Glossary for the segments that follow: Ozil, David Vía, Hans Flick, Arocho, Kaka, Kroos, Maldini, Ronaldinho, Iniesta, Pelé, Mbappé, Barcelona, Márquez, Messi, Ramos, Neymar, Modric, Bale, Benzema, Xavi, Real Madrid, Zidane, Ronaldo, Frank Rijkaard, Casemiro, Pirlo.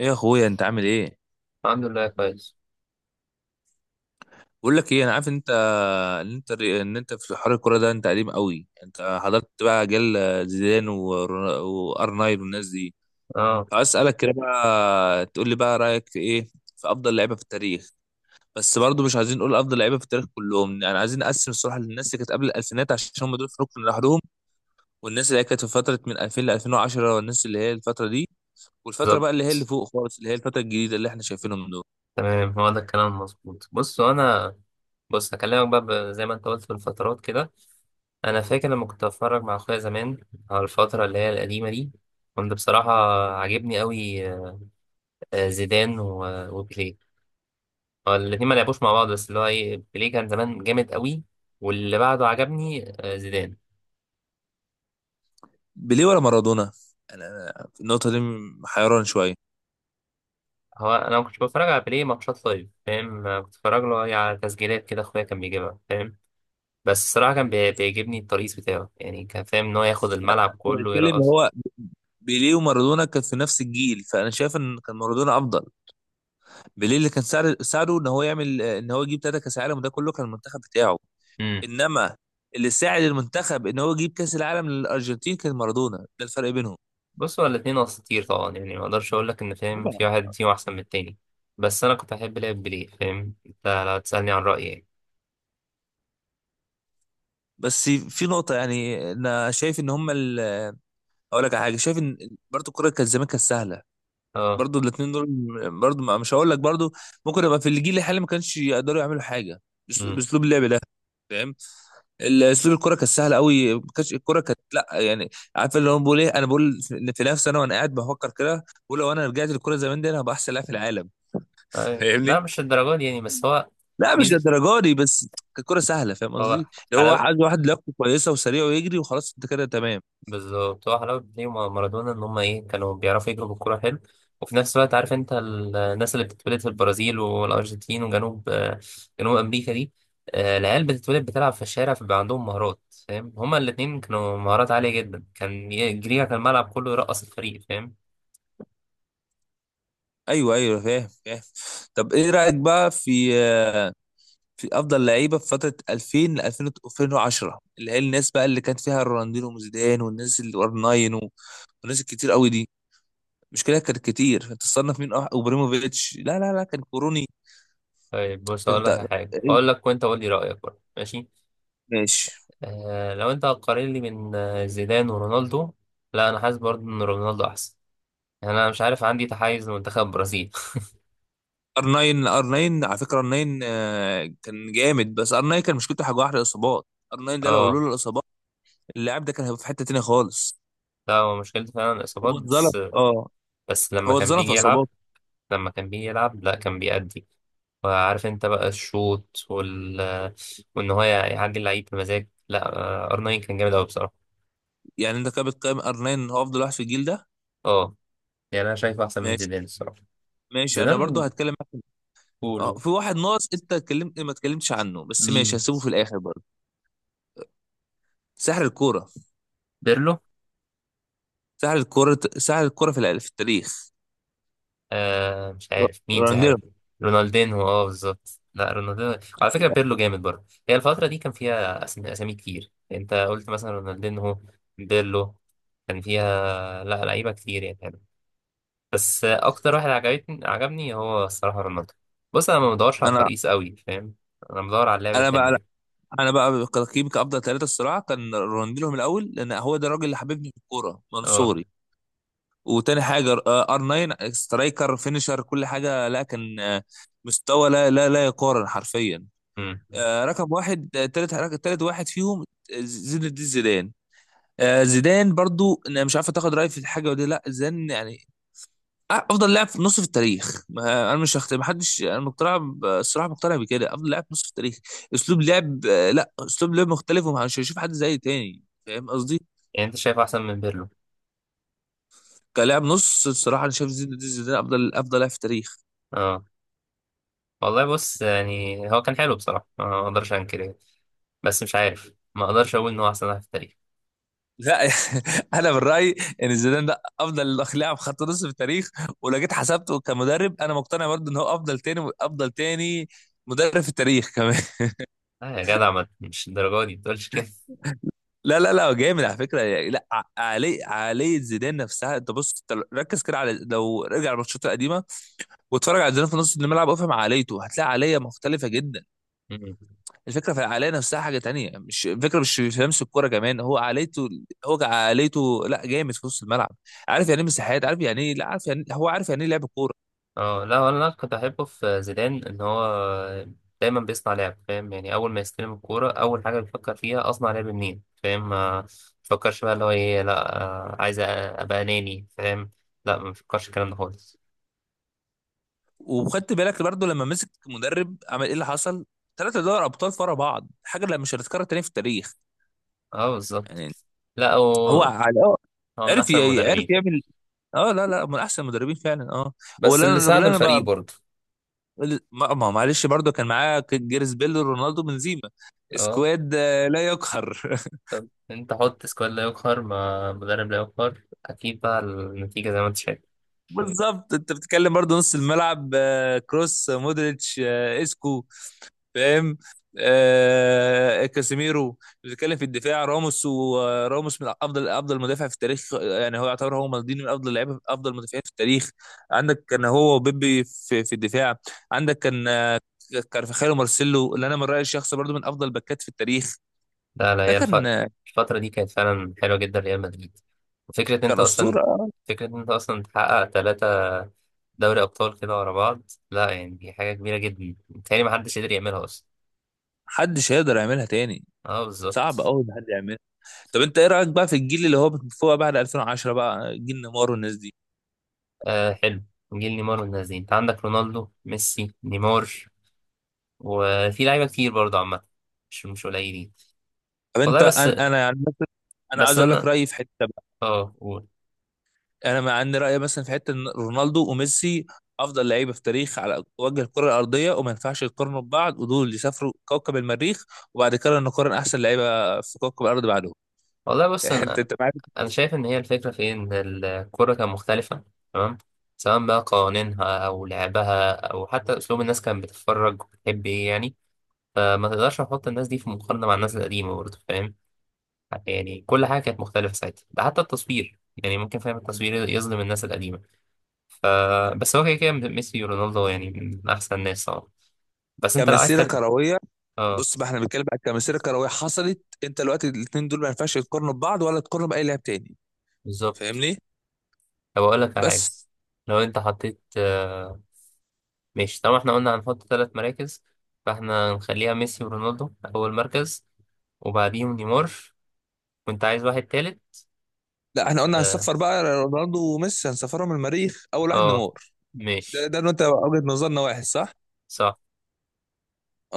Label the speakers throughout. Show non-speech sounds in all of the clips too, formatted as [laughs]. Speaker 1: ايه يا اخويا، انت عامل ايه؟
Speaker 2: الحمد لله كويس.
Speaker 1: بقول لك ايه، انا عارف إن انت ان انت في حوار الكوره ده. انت قديم قوي، انت حضرت بقى جيل زيدان وار 9 والناس دي.
Speaker 2: اه،
Speaker 1: عايز اسالك كده بقى، تقول لي بقى رايك في ايه، في افضل لعيبه في التاريخ. بس برضه مش عايزين نقول افضل لعيبه في التاريخ كلهم، يعني عايزين نقسم الصراحه للناس اللي كانت قبل الالفينات عشان هم دول في ركن لوحدهم، والناس اللي هي كانت في فتره من 2000 ل 2010، والناس اللي هي الفتره دي، والفتره
Speaker 2: بالظبط.
Speaker 1: بقى اللي هي اللي فوق خالص، اللي هي الفتره الجديده اللي احنا شايفينهم دول.
Speaker 2: تمام، هو ده الكلام المظبوط. بص انا، بص هكلمك بقى زي ما انت قلت في الفترات كده. انا فاكر لما كنت بتفرج مع اخويا زمان على الفتره اللي هي القديمه دي، كنت بصراحه عاجبني قوي. زيدان وبيليه، هو الاتنين ما لعبوش مع بعض، بس اللي هو ايه، بيليه كان زمان جامد قوي، واللي بعده عجبني زيدان.
Speaker 1: بيليه ولا مارادونا؟ انا في النقطه دي حيران شويه.
Speaker 2: هو انا ما كنتش بتفرج على بيليه ماتشات لايف، فاهم؟ كنت بتفرج له إيه، على تسجيلات كده، اخويا كان بيجيبها، فاهم. بس الصراحة كان بيعجبني الترقيص بتاعه، يعني كان فاهم إن هو ياخد الملعب
Speaker 1: انا
Speaker 2: كله
Speaker 1: بتكلم،
Speaker 2: يرقص.
Speaker 1: هو بيليه ومارادونا كان في نفس الجيل، فانا شايف ان كان مارادونا افضل. بيليه اللي كان ساعده ان هو يعمل، ان هو يجيب ثلاثه كاس عالم، وده كله كان المنتخب بتاعه.
Speaker 2: امم
Speaker 1: انما اللي ساعد المنتخب ان هو يجيب كاس العالم للارجنتين كان مارادونا، ده الفرق بينهم.
Speaker 2: بص، هو الاتنين أساطير طبعا، يعني ما أقدرش أقول لك إن فاهم
Speaker 1: طبعا.
Speaker 2: في واحد فيهم أحسن من التاني، بس أنا كنت أحب لعب بيليه، فاهم؟ أنت لو تسألني عن رأيي يعني.
Speaker 1: بس في نقطه، يعني انا شايف ان هم اقول لك على حاجه، شايف ان برضه الكوره كانت زمان كانت سهله.
Speaker 2: أه.
Speaker 1: برضو الاثنين دول، برضو مش هقول لك برضو، ممكن يبقى في الجيل الحالي ما كانش يقدروا يعملوا حاجه
Speaker 2: امم
Speaker 1: باسلوب اللعب ده، فاهم. اسلوب الكره كانت سهله قوي، ما كانتش الكره كانت، لا يعني عارف اللي هو بقول ايه. انا بقول في نفسي انا، وانا قاعد بفكر كده بقول لو انا رجعت للكره زمان دي انا هبقى احسن لاعب في العالم.
Speaker 2: لا،
Speaker 1: فاهمني؟
Speaker 2: مش الدرجات دي يعني، بس هو
Speaker 1: لا مش
Speaker 2: ميزة،
Speaker 1: للدرجه دي، بس كانت كره سهله، فاهم
Speaker 2: هو
Speaker 1: قصدي. اللي هو
Speaker 2: حلاوة.
Speaker 1: واحد واحد لياقته كويسه وسريع ويجري وخلاص انت كده تمام.
Speaker 2: بالظبط، هو حلاوة بيليه ومارادونا إن هما إيه، كانوا بيعرفوا يجروا بالكورة حلو. وفي نفس الوقت عارف أنت، الناس اللي بتتولد في البرازيل والأرجنتين وجنوب جنوب أمريكا دي، العيال بتتولد بتلعب في الشارع، فبيبقى عندهم مهارات، فاهم؟ هما الاتنين كانوا مهارات عالية جدا، كان جريها كان الملعب كله يرقص الفريق، فاهم.
Speaker 1: ايوه ايوه، فاهم فاهم. طب ايه رايك بقى في، في افضل لعيبه في فتره 2000 ل 2000 2010، اللي هي الناس بقى اللي كانت فيها رونالدينو وزيدان والناس اللي ار 9 والناس الكتير قوي دي. مش كده؟ كانت كتير، فانت تصنف مين وابراهيموفيتش، لا لا لا كان كوروني،
Speaker 2: طيب بص، أقول
Speaker 1: فانت
Speaker 2: لك
Speaker 1: [laughs]
Speaker 2: على حاجة، أقول لك وأنت قول لي رأيك برضه، ماشي؟
Speaker 1: ماشي.
Speaker 2: آه، لو أنت هتقارن لي بين زيدان ورونالدو، لا أنا حاسس برضه إن رونالدو أحسن، يعني أنا مش عارف، عندي تحيز لمنتخب البرازيل.
Speaker 1: ار 9، ار 9، على فكره ار 9 كان جامد. بس ار 9 كان مشكلته حاجه واحده، الاصابات. ار 9
Speaker 2: [laughs]
Speaker 1: ده لو
Speaker 2: اه.
Speaker 1: لولا الاصابات، اللاعب ده كان هيبقى في حته تانيه خالص.
Speaker 2: لا، هو مشكلته فعلا الإصابات،
Speaker 1: هو اتظلم،
Speaker 2: بس
Speaker 1: اه.
Speaker 2: بس لما
Speaker 1: هو
Speaker 2: كان
Speaker 1: اتظلم
Speaker 2: بيجي
Speaker 1: في
Speaker 2: يلعب،
Speaker 1: اصاباته.
Speaker 2: لما كان بيجي يلعب لا كان بيأدي. وعارف انت بقى الشوط وان هو يعدي اللعيب بمزاج، لا ار 9 كان جامد قوي بصراحة.
Speaker 1: يعني انت كده بتقيم ار 9 هو افضل واحد في الجيل ده.
Speaker 2: اه، يعني انا شايفه احسن من
Speaker 1: ماشي.
Speaker 2: زيدان الصراحة.
Speaker 1: ماشي انا برضو
Speaker 2: زيدان
Speaker 1: هتكلم.
Speaker 2: كولو.
Speaker 1: في واحد ناقص انت اتكلمت، ما اتكلمتش عنه، بس ماشي
Speaker 2: مين؟
Speaker 1: هسيبه في الاخر برضه. سحر الكوره،
Speaker 2: بيرلو؟
Speaker 1: سحر الكوره، سحر الكوره في في التاريخ.
Speaker 2: آه، مش عارف مين، مش
Speaker 1: رونالدينو.
Speaker 2: عارف. رونالدينهو، اه بالظبط، لا رونالدينهو على فكرة. بيرلو جامد برضه، هي الفترة دي كان فيها أسامي كتير، أنت قلت مثلا رونالدينهو، بيرلو، كان فيها، لا لعيبة كتير يعني. بس أكتر واحد عجبني هو الصراحة رونالدو. بص أنا ما بدورش على
Speaker 1: انا
Speaker 2: الترقيص قوي، فاهم؟ أنا بدور على اللعب
Speaker 1: انا بقى،
Speaker 2: الحلمي.
Speaker 1: انا بقى تقييمي كافضل ثلاثه الصراحه كان رونالدينو من الاول، لان هو ده الراجل اللي حببني في الكوره من
Speaker 2: اه.
Speaker 1: صغري. وتاني حاجه ار 9، سترايكر فينيشر كل حاجه، لا كان مستوى لا لا لا يقارن حرفيا.
Speaker 2: أمم.
Speaker 1: رقم واحد. تالت، تالت واحد فيهم زين الدين زيدان. زيدان برضو، انا مش عارف تاخد رايي في الحاجه ودي، لا زيدان يعني افضل لاعب في نص في التاريخ. ما انا مش ما حدش، انا مقتنع الصراحه مقتنع بكده افضل لاعب في نص في التاريخ. اسلوب لعب لا اسلوب لعب مختلف ومش هشوف حد زي تاني، فاهم قصدي.
Speaker 2: يعني أنت شايف أحسن من بيرلو؟
Speaker 1: كلاعب نص الصراحه انا شايف زيدان، زيدان افضل لاعب في التاريخ.
Speaker 2: اه. والله بص، يعني هو كان حلو بصراحة، أنا ما أقدرش أنكر يعني. بس مش عارف، ما أقدرش أقول إن هو أحسن واحد في التاريخ.
Speaker 1: لا [laughs] انا من رايي ان زيدان ده افضل لاعب خط نص في التاريخ. ولو جيت حسبته كمدرب انا مقتنع برضو ان هو افضل، تاني افضل، تاني مدرب في التاريخ كمان.
Speaker 2: لا يا جدع، مش الدرجة دي بتقولش كده.
Speaker 1: لا لا لا، هو جامد على فكره يعني. لا عقليه زيدان نفسها، انت بص، انت ركز كده على لو رجع الماتشات القديمه، واتفرج على زيدان في نص الملعب وافهم عقليته، هتلاقي عقليه مختلفه جدا.
Speaker 2: مم.
Speaker 1: الفكره في العقليه نفسها، حاجه تانية، مش الفكره مش في لمس الكوره، كمان هو عقليته. هو عقليته، لا جامد في نص الملعب. عارف يعني ايه مساحات، عارف يعني ايه، لا عارف يعني هو عارف يعني ايه لعب كوره.
Speaker 2: اه، لا، ولا كنت أحبه في زيدان إن هو دايما بيصنع لعب، فاهم؟ يعني أول ما يستلم الكورة أول حاجة بيفكر فيها، أصنع لعب منين، فاهم. ما بيفكرش بقى اللي هو إيه، لا أبقى أناني، فاهم؟ لا ما بيفكرش الكلام ده خالص.
Speaker 1: وخدت بالك برضه لما مسك مدرب عمل ايه اللي حصل؟ ثلاثة دوري ابطال ورا بعض، حاجه لا مش هتتكرر تاني في التاريخ.
Speaker 2: اه بالظبط.
Speaker 1: يعني.
Speaker 2: لا
Speaker 1: هو على
Speaker 2: هو من أحسن
Speaker 1: عرف
Speaker 2: المدربين، فاهم؟
Speaker 1: يعمل. اه لا لا، من احسن المدربين فعلا، اه. هو
Speaker 2: بس
Speaker 1: اللي
Speaker 2: اللي
Speaker 1: انا،
Speaker 2: ساعده
Speaker 1: اللي انا
Speaker 2: الفريق
Speaker 1: بقى،
Speaker 2: برضه.
Speaker 1: معلش برضه كان معاه جيرس بيل رونالدو بنزيما،
Speaker 2: اه.
Speaker 1: سكواد لا يقهر. [laughs]
Speaker 2: أنت حط سكواد لا يقهر مع مدرب لا يقهر، أكيد بقى النتيجة زي ما أنت شايف.
Speaker 1: بالظبط. انت بتتكلم برضه نص الملعب كروس مودريتش اسكو، فاهم. آه كاسيميرو. بتتكلم في الدفاع، راموس، وراموس من افضل مدافع في التاريخ، يعني هو يعتبر هو مالديني، من افضل لعيبه، افضل مدافعين في التاريخ. عندك كان هو وبيبي في الدفاع. عندك كان كارفاخال ومارسيلو، اللي انا من رايي الشخصي برضو من افضل باكات في التاريخ.
Speaker 2: لا لا،
Speaker 1: ده
Speaker 2: هي الف...
Speaker 1: كان
Speaker 2: الفترة دي كانت فعلا حلوة جدا، ريال مدريد. وفكرة انت
Speaker 1: كان
Speaker 2: اصلا
Speaker 1: اسطوره.
Speaker 2: فكرة انت اصلا تحقق ثلاثة دوري ابطال كده ورا بعض، لا يعني دي حاجة كبيرة جدا، متهيألي محدش قدر يعملها اصلا.
Speaker 1: محدش هيقدر يعملها تاني،
Speaker 2: اه
Speaker 1: صعب
Speaker 2: بالظبط.
Speaker 1: قوي ان حد يعملها. طب انت ايه رايك بقى في الجيل اللي هو فوق بعد 2010 بقى، جيل نيمار والناس دي.
Speaker 2: آه، حلو. جيل نيمار والناس دي، انت عندك رونالدو، ميسي، نيمار، وفي لعيبة كتير برضه عامة، مش مش قليلين.
Speaker 1: طب
Speaker 2: والله
Speaker 1: انت،
Speaker 2: بس،
Speaker 1: انا يعني مثلا انا
Speaker 2: بس
Speaker 1: عايز اقول لك
Speaker 2: انا.
Speaker 1: رايي في حته.
Speaker 2: اه قول.
Speaker 1: انا مع ان رايي مثلا في حته ان رونالدو وميسي افضل لعيبه في تاريخ على وجه الكره الارضيه، وما ينفعش يقارنوا ببعض. ودول اللي سافروا كوكب المريخ، وبعد كده نقارن احسن لعيبه في كوكب الارض بعدهم.
Speaker 2: والله بص
Speaker 1: [laughs] انت
Speaker 2: انا،
Speaker 1: انت معاك
Speaker 2: انا شايف ان هي الفكره في إيه؟ ان الكوره كان مختلفه، تمام؟ سواء بقى قوانينها او لعبها او حتى اسلوب الناس كانت بتتفرج وبتحب ايه يعني. فما تقدرش تحط الناس دي في مقارنه مع الناس القديمه برضه، فاهم؟ يعني كل حاجه كانت مختلفه ساعتها، ده حتى التصوير يعني ممكن، فاهم، التصوير يظلم الناس القديمة. ف بس هو كده كده ميسي ورونالدو يعني من أحسن الناس طبعا، بس أنت لو عايز
Speaker 1: كمسيره
Speaker 2: ترجع.
Speaker 1: كرويه.
Speaker 2: اه
Speaker 1: بص بقى، احنا بنتكلم عن كمسيره كرويه حصلت. انت دلوقتي الاثنين دول ما ينفعش يقارنوا ببعض، ولا تقارنوا باي لاعب تاني،
Speaker 2: بالظبط.
Speaker 1: فاهمني؟
Speaker 2: طب أقول لك على حاجة،
Speaker 1: بس
Speaker 2: لو أنت حطيت ماشي، طبعا احنا قلنا هنحط ثلاث مراكز، فاحنا هنخليها ميسي ورونالدو أول مركز، وبعديهم نيمار، وأنت عايز واحد تالت.
Speaker 1: لا، احنا قلنا
Speaker 2: اه.
Speaker 1: هنسفر بقى رونالدو وميسي، هنسفرهم المريخ، اول واحد
Speaker 2: آه،
Speaker 1: نيمار. ده
Speaker 2: ماشي.
Speaker 1: ده انت وجهه نظرنا واحد، صح؟
Speaker 2: صح.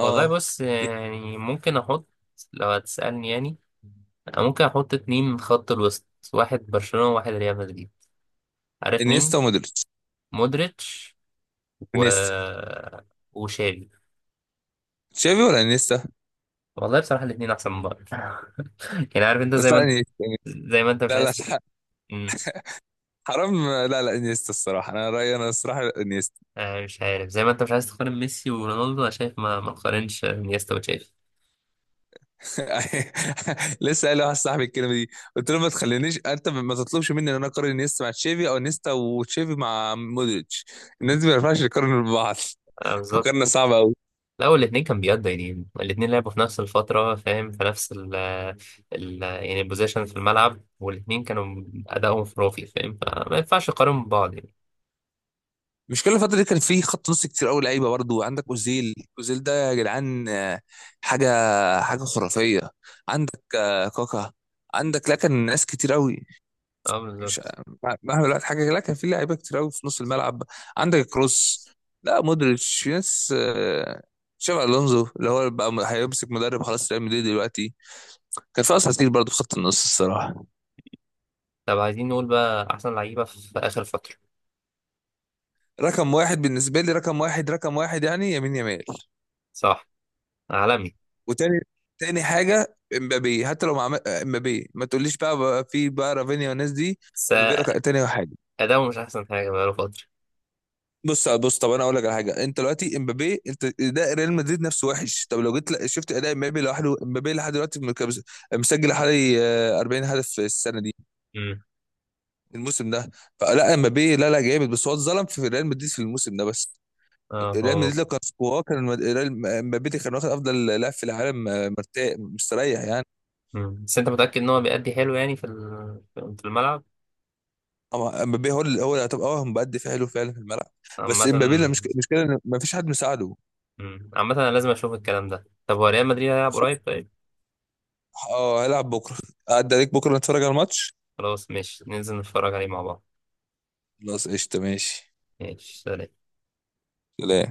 Speaker 2: والله بص يعني ممكن أحط، لو هتسألني يعني، أنا ممكن أحط اتنين من خط الوسط، واحد برشلونة وواحد ريال مدريد. عارف مين؟
Speaker 1: انيستا ومودريتش.
Speaker 2: مودريتش، و
Speaker 1: انيستا.
Speaker 2: وشافي.
Speaker 1: تشافي ولا انيستا؟
Speaker 2: والله بصراحة الاتنين أحسن من بعض. [laughs] يعني عارف أنت زي
Speaker 1: بس
Speaker 2: ما
Speaker 1: لا
Speaker 2: أنت،
Speaker 1: انيستا.
Speaker 2: زي ما أنت مش
Speaker 1: لا لا
Speaker 2: عايز.
Speaker 1: حرام، لا لا انيستا الصراحه، انا رايي، انا الصراحه انيستا.
Speaker 2: آه، مش عارف، زي ما انت مش عايز تقارن ميسي ورونالدو، انا شايف ما ما تقارنش انيستا وتشافي.
Speaker 1: [laughs] لسه قايل لواحد صاحبي الكلمه دي، قلت له ما تخلينيش. انت ما تطلبش مني ان انا اقارن انيستا مع تشافي او انيستا وتشافي مع مودريتش، الناس دي ما ينفعش يقارنوا ببعض.
Speaker 2: آه،
Speaker 1: [laughs]
Speaker 2: بالظبط.
Speaker 1: مقارنه صعبه قوي.
Speaker 2: لا الاثنين كان بيقضوا يعني، الاثنين لعبوا في نفس الفترة، فاهم؟ في نفس ال ال يعني البوزيشن في الملعب، والاثنين كانوا ادائهم خرافي، فاهم؟ فما ينفعش تقارن ببعض يعني.
Speaker 1: مش كل الفتره دي كان في خط نص كتير قوي لعيبه برضه؟ عندك اوزيل، اوزيل ده يا جدعان حاجه حاجه خرافيه. عندك كاكا. عندك لكن ناس كتير قوي.
Speaker 2: اه
Speaker 1: مش
Speaker 2: بالظبط.
Speaker 1: مهما دلوقتي، حاجه لا كان في لعيبه كتير قوي في نص الملعب. عندك كروس، لا مودريتش، في ناس تشافي الونزو اللي هو بقى هيمسك مدرب خلاص ريال مدريد دلوقتي. كان في اساطير برضه في خط النص الصراحه.
Speaker 2: طب عايزين نقول بقى احسن لعيبة في اخر فترة.
Speaker 1: رقم واحد بالنسبه لي، رقم واحد رقم واحد، يعني يمين يمال.
Speaker 2: صح. عالمي.
Speaker 1: وتاني حاجه امبابي، حتى لو مع امبابي ما تقوليش بقى، في بقى رافينيا والناس دي.
Speaker 2: بس
Speaker 1: امبابي رقم تاني واحد.
Speaker 2: اداؤه مش احسن حاجة بقاله فترة.
Speaker 1: بص بص، طب انا اقول لك على حاجه. انت دلوقتي امبابي، انت اداء ريال مدريد نفسه وحش، طب لو جيت شفت اداء امبابي لوحده، امبابي لحد دلوقتي مسجل حوالي 40 هدف في السنه دي،
Speaker 2: امم.
Speaker 1: الموسم ده. فلا امبابي لا لا جامد، بس هو اتظلم في ريال مدريد في الموسم ده بس.
Speaker 2: اه،
Speaker 1: ريال
Speaker 2: هو
Speaker 1: مدريد لو
Speaker 2: ممكن.
Speaker 1: كان سكواه كان امبابي كان واخد افضل لاعب في العالم مرتاح مستريح يعني.
Speaker 2: مم. بس انت متأكد ان هو بيأدي حلو يعني في في الملعب
Speaker 1: أما امبابي، هو اللي هو اللي طب اه مؤدي حلو فعلا في الملعب. بس امبابي
Speaker 2: مثلا؟
Speaker 1: المشكله ان مفيش حد مساعده.
Speaker 2: مم. عامة أنا لازم أشوف الكلام ده. طب هو ريال مدريد هيلعب قريب؟ طيب.
Speaker 1: اه هيلعب بكره، عدى عليك بكره نتفرج على الماتش.
Speaker 2: خلاص ماشي، ننزل نتفرج عليه مع بعض.
Speaker 1: خلاص قشطة ماشي.
Speaker 2: ماشي، سلام.
Speaker 1: سلام.